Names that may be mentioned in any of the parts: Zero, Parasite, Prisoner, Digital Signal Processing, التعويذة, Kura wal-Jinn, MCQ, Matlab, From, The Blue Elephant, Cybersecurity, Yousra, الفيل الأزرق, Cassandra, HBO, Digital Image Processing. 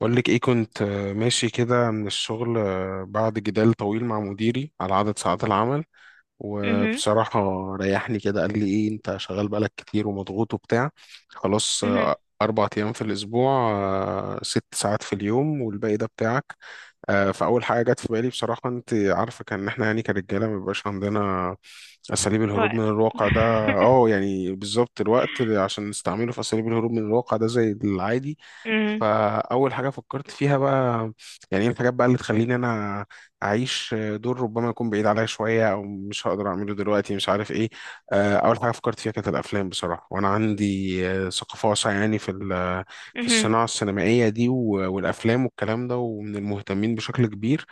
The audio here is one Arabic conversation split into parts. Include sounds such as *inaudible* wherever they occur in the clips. بقول لك ايه كنت ماشي كده من الشغل، بعد جدال طويل مع مديري على عدد ساعات العمل. اها، وبصراحة ريحني كده، قال لي إيه: أنت شغال بقالك كتير ومضغوط وبتاع. خلاص، اها، أربع أيام في الأسبوع، ست ساعات في اليوم، والباقي ده بتاعك. فأول حاجة جت في بالي بصراحة، أنت عارفة، كان إحنا يعني كرجالة ما بيبقاش عندنا أساليب الهروب وقت. من الواقع ده. *laughs* يعني بالظبط الوقت اللي عشان نستعمله في أساليب الهروب من الواقع ده زي العادي. اها، فأول حاجة فكرت فيها بقى يعني إيه الحاجات بقى اللي تخليني أنا اعيش دور ربما يكون بعيد عليا شويه، او مش هقدر اعمله دلوقتي، مش عارف ايه. اول حاجه فكرت فيها كانت الافلام بصراحه، وانا عندي ثقافه واسعه يعني في اها، الصناعه السينمائيه دي والافلام والكلام ده، ومن المهتمين بشكل كبير.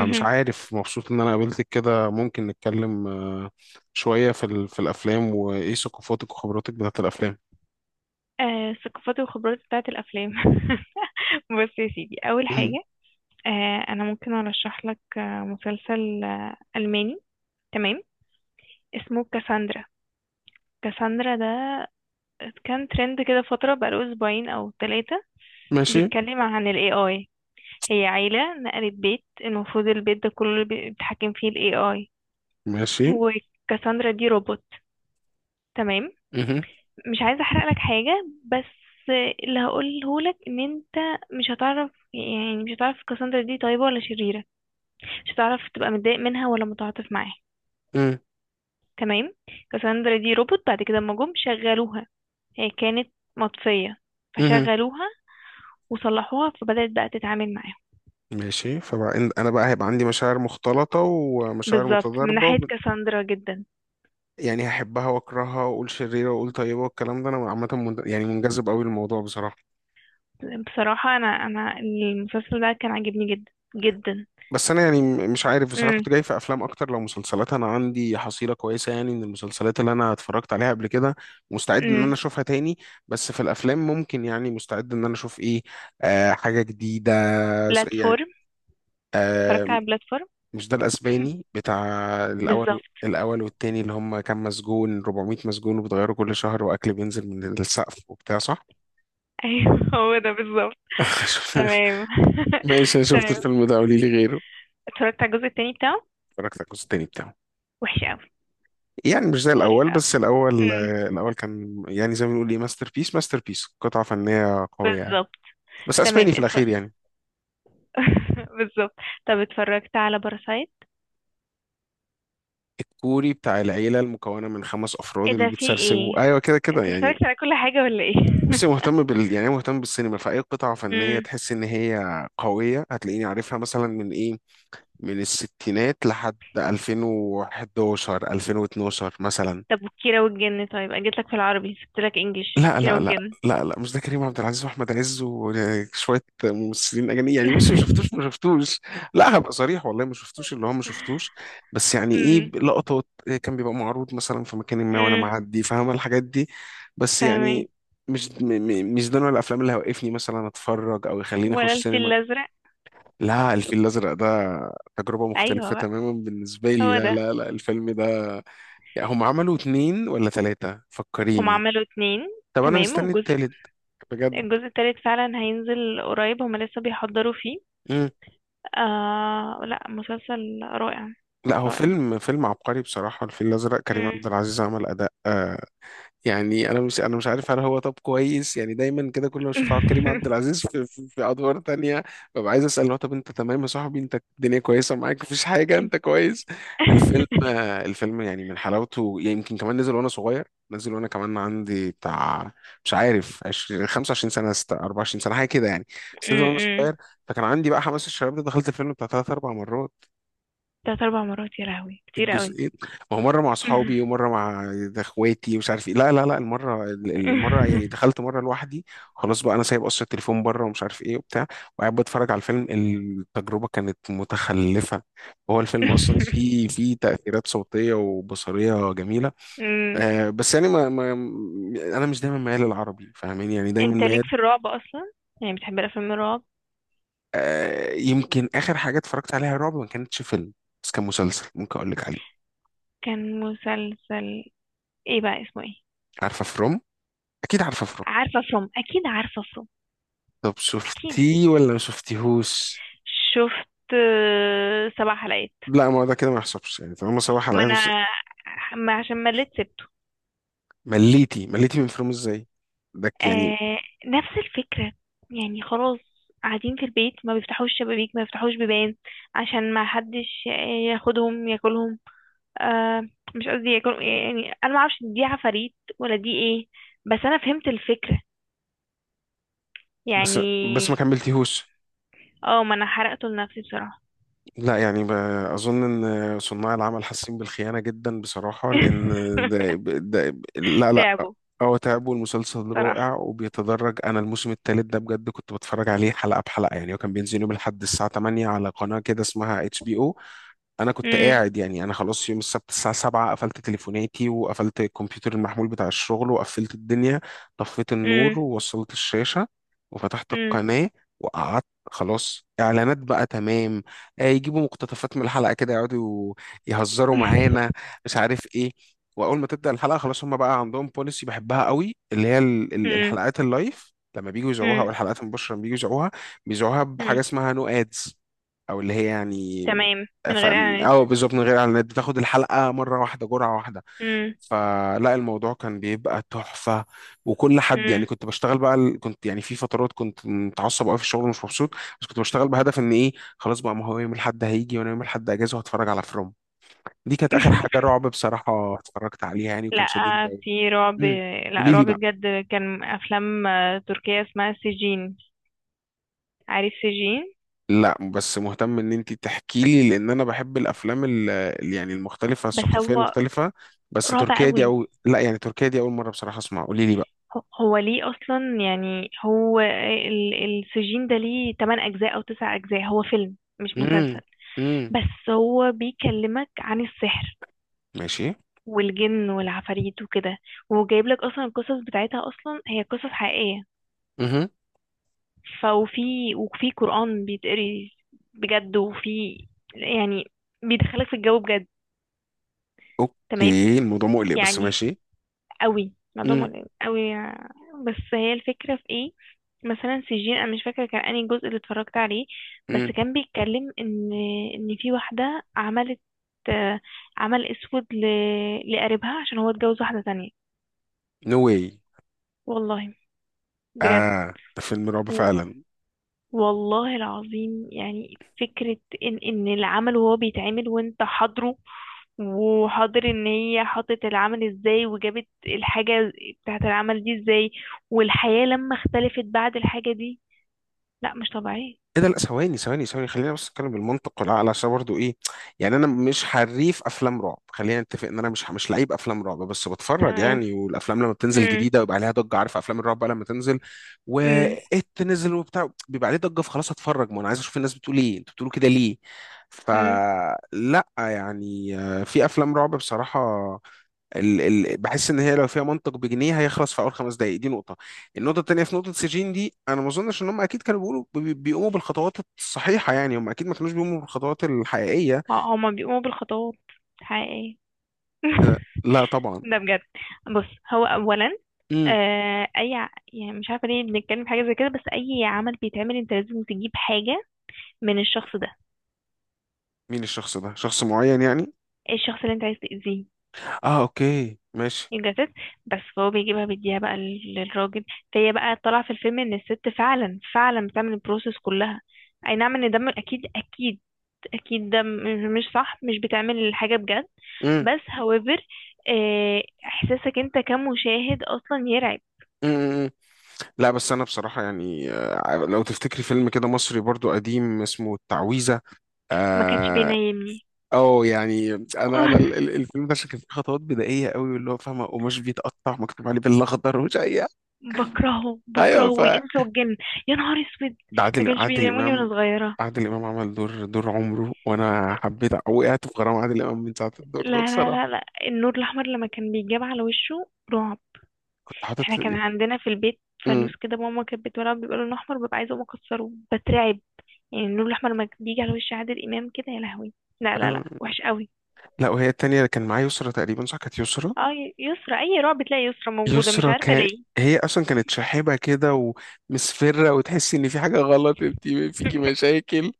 اها. *laughs* عارف، مبسوط ان انا قابلتك كده، ممكن نتكلم شويه في الافلام، وايه ثقافاتك وخبراتك بتاعت الافلام. الثقافات والخبرات بتاعة الأفلام. *laughs* بص يا سيدي. أول *clears throat* مم. حاجة، أنا ممكن أرشح لك مسلسل ألماني. تمام. اسمه كاساندرا. كاساندرا ده كان ترند كده فترة بقاله أسبوعين أو ثلاثة. ماشي. بيتكلم عن ال AI. هي عيلة نقلت بيت، المفروض البيت ده كله بيتحكم فيه ال AI. ماشي. وكاساندرا دي روبوت. تمام. مهم. مش عايزه احرق لك حاجه، بس اللي هقوله لك ان انت مش هتعرف، يعني مش هتعرف كاساندرا دي طيبه ولا شريره. مش هتعرف تبقى متضايق منها ولا متعاطف معاها. مهم. تمام. كاساندرا دي روبوت. بعد كده لما جم شغلوها، هي كانت مطفيه، مهم. فشغلوها وصلحوها فبدات بقى تتعامل معاهم. ماشي، فبقى انا بقى هيبقى عندي مشاعر مختلطة ومشاعر بالظبط. من متضاربة، ناحيه كاساندرا جدا. يعني هحبها واكرهها واقول شريرة واقول طيبة والكلام ده. انا عامة يعني منجذب قوي للموضوع بصراحة. بصراحه، انا المسلسل ده كان عاجبني جدا جدا. بس انا يعني مش عارف بصراحة، امم. كنت جاي في افلام اكتر. لو مسلسلات، انا عندي حصيلة كويسة يعني من المسلسلات اللي انا اتفرجت عليها قبل كده، مستعد ان انا امم. اشوفها تاني. بس في الافلام ممكن يعني مستعد ان انا اشوف ايه، حاجة جديدة. يعني بلاتفورم. اتفرجت آه، على بلاتفورم. مش ده الاسباني بتاع الاول، بالظبط. الاول والتاني، اللي هم كام مسجون؟ 400 مسجون، وبتغيروا كل شهر، واكل بينزل من السقف وبتاع، صح؟ *laughs* ايوه، هو ده بالظبط. *laughs* تمام. ماشي، انا *laughs* شفت تمام. الفيلم ده، قولي لي غيره. اتفرجت على الجزء التاني بتاعه. اتفرجت على الجزء التاني بتاعه. وحش قوي. يعني مش زي مقرف الاول، قوي. بس الاول، امم. الاول كان يعني زي ما بنقول ايه، ماستر بيس، ماستر بيس، قطعه فنيه قويه يعني. بالظبط. بس تمام، اسباني في اتفرج. الاخير يعني. *laughs* بالظبط. طب، اتفرجت على باراسايت؟ الكوري بتاع العيله المكونه من خمس افراد ايه اللي ده، في ايه؟ بتسرسبوا، ايوه كده كده انت يعني. اتفرجت على كل حاجة ولا ايه؟ بصي، *laughs* مهتم بال يعني أنا مهتم بالسينما، فأي قطعة فنية امم. تحس إن هي قوية هتلاقيني عارفها، مثلا من إيه، من الستينات لحد 2011، 2012 مثلا. طب، وكيرة والجن؟ طيب، انا جيت لك في العربي سبت لك انجليش. لا كيرة لا لا. والجن. لا لا، مش ده كريم عبد العزيز واحمد عز وشويه ممثلين اجانب يعني. بصي، ما شفتوش، *laughs* ما شفتوش. لا هبقى صريح، والله ما شفتوش. اللي هو ما شفتوش، بس يعني ايه امم. لقطات، إيه كان بيبقى معروض مثلا في مكان ما وانا امم. معدي، فاهمه الحاجات دي. بس فاهمك. يعني مش، مش ده نوع الافلام اللي هيوقفني مثلا اتفرج، او يخليني ولا اخش الفيل سينما. الازرق؟ لا، الفيل الازرق ده تجربه ايوه مختلفه بقى، تماما بالنسبه لي. هو لا ده. لا لا، الفيلم ده يعني هم عملوا اتنين ولا ثلاثه؟ هم فكريني. عملوا اتنين. طب انا تمام. مستني التالت بجد. الجزء التالت فعلا هينزل قريب، هما لسه بيحضروا فيه. مم. آه، لا، مسلسل رائع. لا هو رائع. فيلم، فيلم عبقري بصراحة. الفيل الأزرق، كريم مم. عبد العزيز عمل أداء، يعني انا مش، انا مش عارف هل هو طب كويس؟ يعني دايما كده كل ما اشوف عبد الكريم عبد *laughs* العزيز في ادوار تانية ببقى عايز اسال: هو طب انت تمام يا صاحبي؟ انت الدنيا كويسه معاك؟ مفيش حاجه؟ انت- انت كويس؟ الفيلم، *laughs* الفيلم يعني من حلاوته يعني، يمكن كمان نزل وانا صغير، نزل وانا كمان عندي بتاع، مش عارف 20، 25 سنه، 24 سنه حاجه كده يعني. مم، بس نزل وانا مم. صغير، فكان عندي بقى حماس الشباب ده، دخلت الفيلم بتاع ثلاث اربع مرات، تلات اربع مرات؟ يا لهوي، كتير قوي. الجزئين. ما هو مره مع اصحابي *laughs* ومره مع ده اخواتي ومش عارف ايه. لا لا لا، المره، المره يعني دخلت مره لوحدي، خلاص بقى انا سايب اصلا التليفون بره ومش عارف ايه وبتاع، وقاعد بتفرج على الفيلم. التجربه كانت متخلفه. هو الفيلم اصلا فيه تاثيرات صوتيه وبصريه جميله. مم. بس يعني ما انا مش دايما ميال للعربي، فاهمين يعني، دايما انت ليك ميال. في الرعب اصلا؟ يعني بتحب الافلام الرعب؟ يمكن اخر حاجه اتفرجت عليها رعب ما كانتش فيلم، بس كان مسلسل، ممكن اقول لك عليه. كان مسلسل. ايه بقى اسمه ايه؟ عارفه فروم؟ اكيد عارفه. عارفه فروم؟ اكيد عارفه فروم. طب اكيد. شفتيه ولا ما شفتيهوش؟ شفت سبع حلقات. لا، ما هو ده كده ما يحسبش، يعني طالما سبع ما حلقات بس. انا، ما عشان مليت سبته. مليتي؟ مليتي من فيلم ازاي؟ ده يعني. آه، نفس الفكرة. يعني خلاص، قاعدين في البيت ما بيفتحوش شبابيك، ما بيفتحوش بيبان عشان ما حدش ياخدهم ياكلهم. آه، مش قصدي ياكل يعني، انا ما اعرفش دي عفاريت ولا دي ايه، بس انا فهمت الفكرة بس يعني. بس ما كملتيهوش. اه، ما انا حرقته لنفسي بصراحة. لا يعني اظن ان صناع العمل حاسين بالخيانه جدا بصراحه، لان ده, *laughs* ده لا لا. تعبوا. هو تعب، والمسلسل صراحة. رائع وبيتدرج. انا الموسم الثالث ده بجد كنت بتفرج عليه حلقه بحلقه، يعني هو كان بينزل يوم الاحد الساعه 8 على قناه كده اسمها اتش بي او. انا كنت امم. قاعد يعني، انا خلاص يوم السبت الساعه 7 قفلت تليفوناتي، وقفلت الكمبيوتر المحمول بتاع الشغل، وقفلت الدنيا، طفيت امم. النور ووصلت الشاشه وفتحت امم. القناه وقعدت. خلاص، اعلانات بقى، تمام. يجيبوا مقتطفات من الحلقه كده، يقعدوا يهزروا *laughs* معانا، مش عارف ايه. واول ما تبدا الحلقه، خلاص هم بقى عندهم بوليسي بحبها قوي، اللي هي امم. الحلقات اللايف لما بييجوا يذيعوها، امم. او الحلقات المباشره لما بييجوا يذيعوها، بيذيعوها بحاجه امم. اسمها نو ادز، او اللي هي *laughs* يعني... تمام، من ف... غير اعلانات. اه بالظبط، من غير اعلانات، بتاخد الحلقه مره واحده، جرعه واحده. امم. فلا الموضوع كان بيبقى تحفه، وكل حد يعني. امم. كنت بشتغل بقى ال- كنت يعني في فترات كنت متعصب قوي في الشغل ومش مبسوط، بس كنت بشتغل بهدف ان ايه؟ خلاص بقى، ما هو يوم الاحد هيجي وانا يوم الاحد اجازه، وهتفرج على فروم. دي كانت اخر حاجه *laughs* رعب بصراحه اتفرجت عليها يعني، وكان لا، شددني في رعب. قوي. لا، قولي لي. رعب بجد كان افلام تركية اسمها سجين. عارف سجين؟ لا بس مهتم ان انت تحكي لي، لان انا بحب الافلام يعني المختلفه، بس الثقافيه هو المختلفه. بس رعب تركيا دي، قوي. او لا، يعني تركيا دي اول مره بصراحه اسمع، قولي لي بقى. هو ليه اصلا، يعني هو السجين ده ليه 8 اجزاء او 9 اجزاء؟ هو فيلم مش مسلسل. امم. امم. بس هو بيكلمك عن السحر ماشي. والجن والعفاريت وكده. وجايب لك اصلا، القصص بتاعتها اصلا هي قصص حقيقية. امم. فوفي وفي قرآن بيتقري، بجد، وفي يعني بيدخلك في الجو بجد. تمام. اوكي، الموضوع مقلق بس يعني ماشي. قوي الموضوع امم. قوي. بس هي الفكرة في ايه؟ مثلا سجين، انا مش فاكرة كان انهي جزء اللي اتفرجت عليه. بس امم. كان بيتكلم ان في واحدة عملت آه، عمل اسود لقريبها عشان هو اتجوز واحدة تانية. نو واي. والله، بجد، اه ده فيلم رعب فعلا. والله العظيم، يعني فكرة ان العمل وهو بيتعمل وانت حاضره، وحاضر ان هي حطت العمل ازاي، وجابت الحاجة بتاعت العمل دي ازاي، والحياة لما اختلفت بعد الحاجة دي. لا، مش طبيعية. ايه ده؟ لا ثواني ثواني ثواني، خلينا بس نتكلم بالمنطق والعقل عشان برضو ايه. يعني انا مش حريف افلام رعب، خلينا نتفق ان انا مش، مش لعيب افلام رعب، بس بتفرج تمام. يعني. والافلام لما بتنزل امم. جديده بيبقى عليها ضجه، عارف افلام الرعب بقى لما تنزل. امم. وات، نزل وبتاع، بيبقى عليه ضجه، فخلاص هتفرج، ما انا عايز اشوف الناس بتقول ايه، انتوا بتقولوا كده ليه. امم. فلا يعني، في افلام رعب بصراحه ال بحس ان هي لو فيها منطق بجنيه هيخلص في اول 5 دقائق، دي نقطه. النقطه الثانيه، في نقطه سجين دي، انا ما اظنش ان هم اكيد كانوا بيقولوا بيقوموا بالخطوات الصحيحه، يعني هم اكيد ما كانوش بيقوموا بالخطوات الحقيقيه. هما بيقوموا بالخطوات حقيقية. إذا- *laughs* لا طبعا. ده بجد. بص، هو اولا، امم. آه، اي يعني مش عارفه ليه بنتكلم في حاجه زي كده، بس اي عمل بيتعمل انت لازم تجيب حاجه من الشخص ده. مين الشخص ده؟ شخص معين يعني؟ ايه الشخص اللي انت عايز تأذيه؟ اه اوكي ماشي. الجساس. بس فهو بيجيبها بيديها بقى للراجل. فهي بقى طالعة في الفيلم ان الست فعلا فعلا بتعمل البروسيس كلها. اي نعم، ان ده اكيد، اكيد، اكيد ده مش صح، مش بتعمل الحاجة بجد. امم. بس however، احساسك انت كمشاهد اصلا يرعب. امم. لا بس انا بصراحه يعني، لو تفتكري فيلم كده مصري برضو قديم اسمه التعويذه. ما كانش آه بينيمني. اه يعني انا انا *laughs* الفيلم ده كان فيه خطوات بدائيه قوي، واللي هو فاهمه قماش بيتقطع مكتوب عليه بالاخضر ومش اي. بكرهه، ايوه بكرهه ف، والانس والجن. يا نهار اسود، ده ما عادل، كانش عادل بيناموني امام. وانا صغيرة. عادل امام عمل دور، دور عمره، وانا حبيت، وقعت في غرام عادل امام من ساعه الدور لا، ده لا، بصراحه. لا، لا، النور الاحمر لما كان بيتجاب على وشه رعب. كنت احنا حاطط. كان عندنا في البيت امم. فانوس كده، ماما كانت بتولعه بيبقى لونه احمر، ببقى عايزه اقوم اكسره، بترعب. يعني النور الاحمر لما بيجي على وش عادل امام كده، يا لهوي. لا، لا، لا، فاهم؟ وحش قوي. لا وهي التانية اللي كان معايا يسرا تقريبا، صح كانت يسرا. اه، يسرى، اي رعب بتلاقي يسرى موجوده، مش يسرا عارفه كان، ليه. هي اصلا كانت شاحبه كده ومسفره، وتحسي ان في حاجه غلط، انت فيكي *laughs* مشاكل.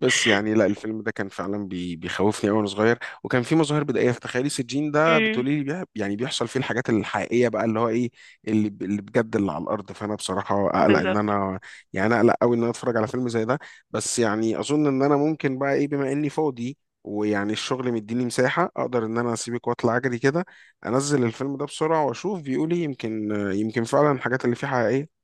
بس يعني لا الفيلم ده كان فعلا بيخوفني قوي وانا صغير. وكان في مظاهر بدائيه في تخيلي. سجين ده امم. بتقولي لي بيها- يعني بيحصل فيه الحاجات الحقيقيه بقى، اللي هو ايه، اللي بجد، اللي على الارض. فانا بصراحه اقلق ان بالظبط. انا يعني، اقلق قوي ان انا اتفرج على فيلم زي ده. بس يعني اظن ان انا ممكن بقى ايه، بما اني فاضي ويعني الشغل مديني مساحه، اقدر ان انا اسيبك واطلع اجري كده، انزل الفيلم ده بسرعه واشوف بيقولي. يمكن يمكن فعلا الحاجات اللي فيه حقيقيه.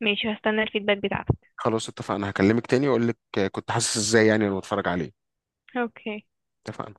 ماشي، هستنى الفيدباك بتاعتك. خلاص اتفقنا، هكلمك تاني واقول لك كنت حاسس ازاي يعني لما اتفرج عليه. اوكي. اتفقنا.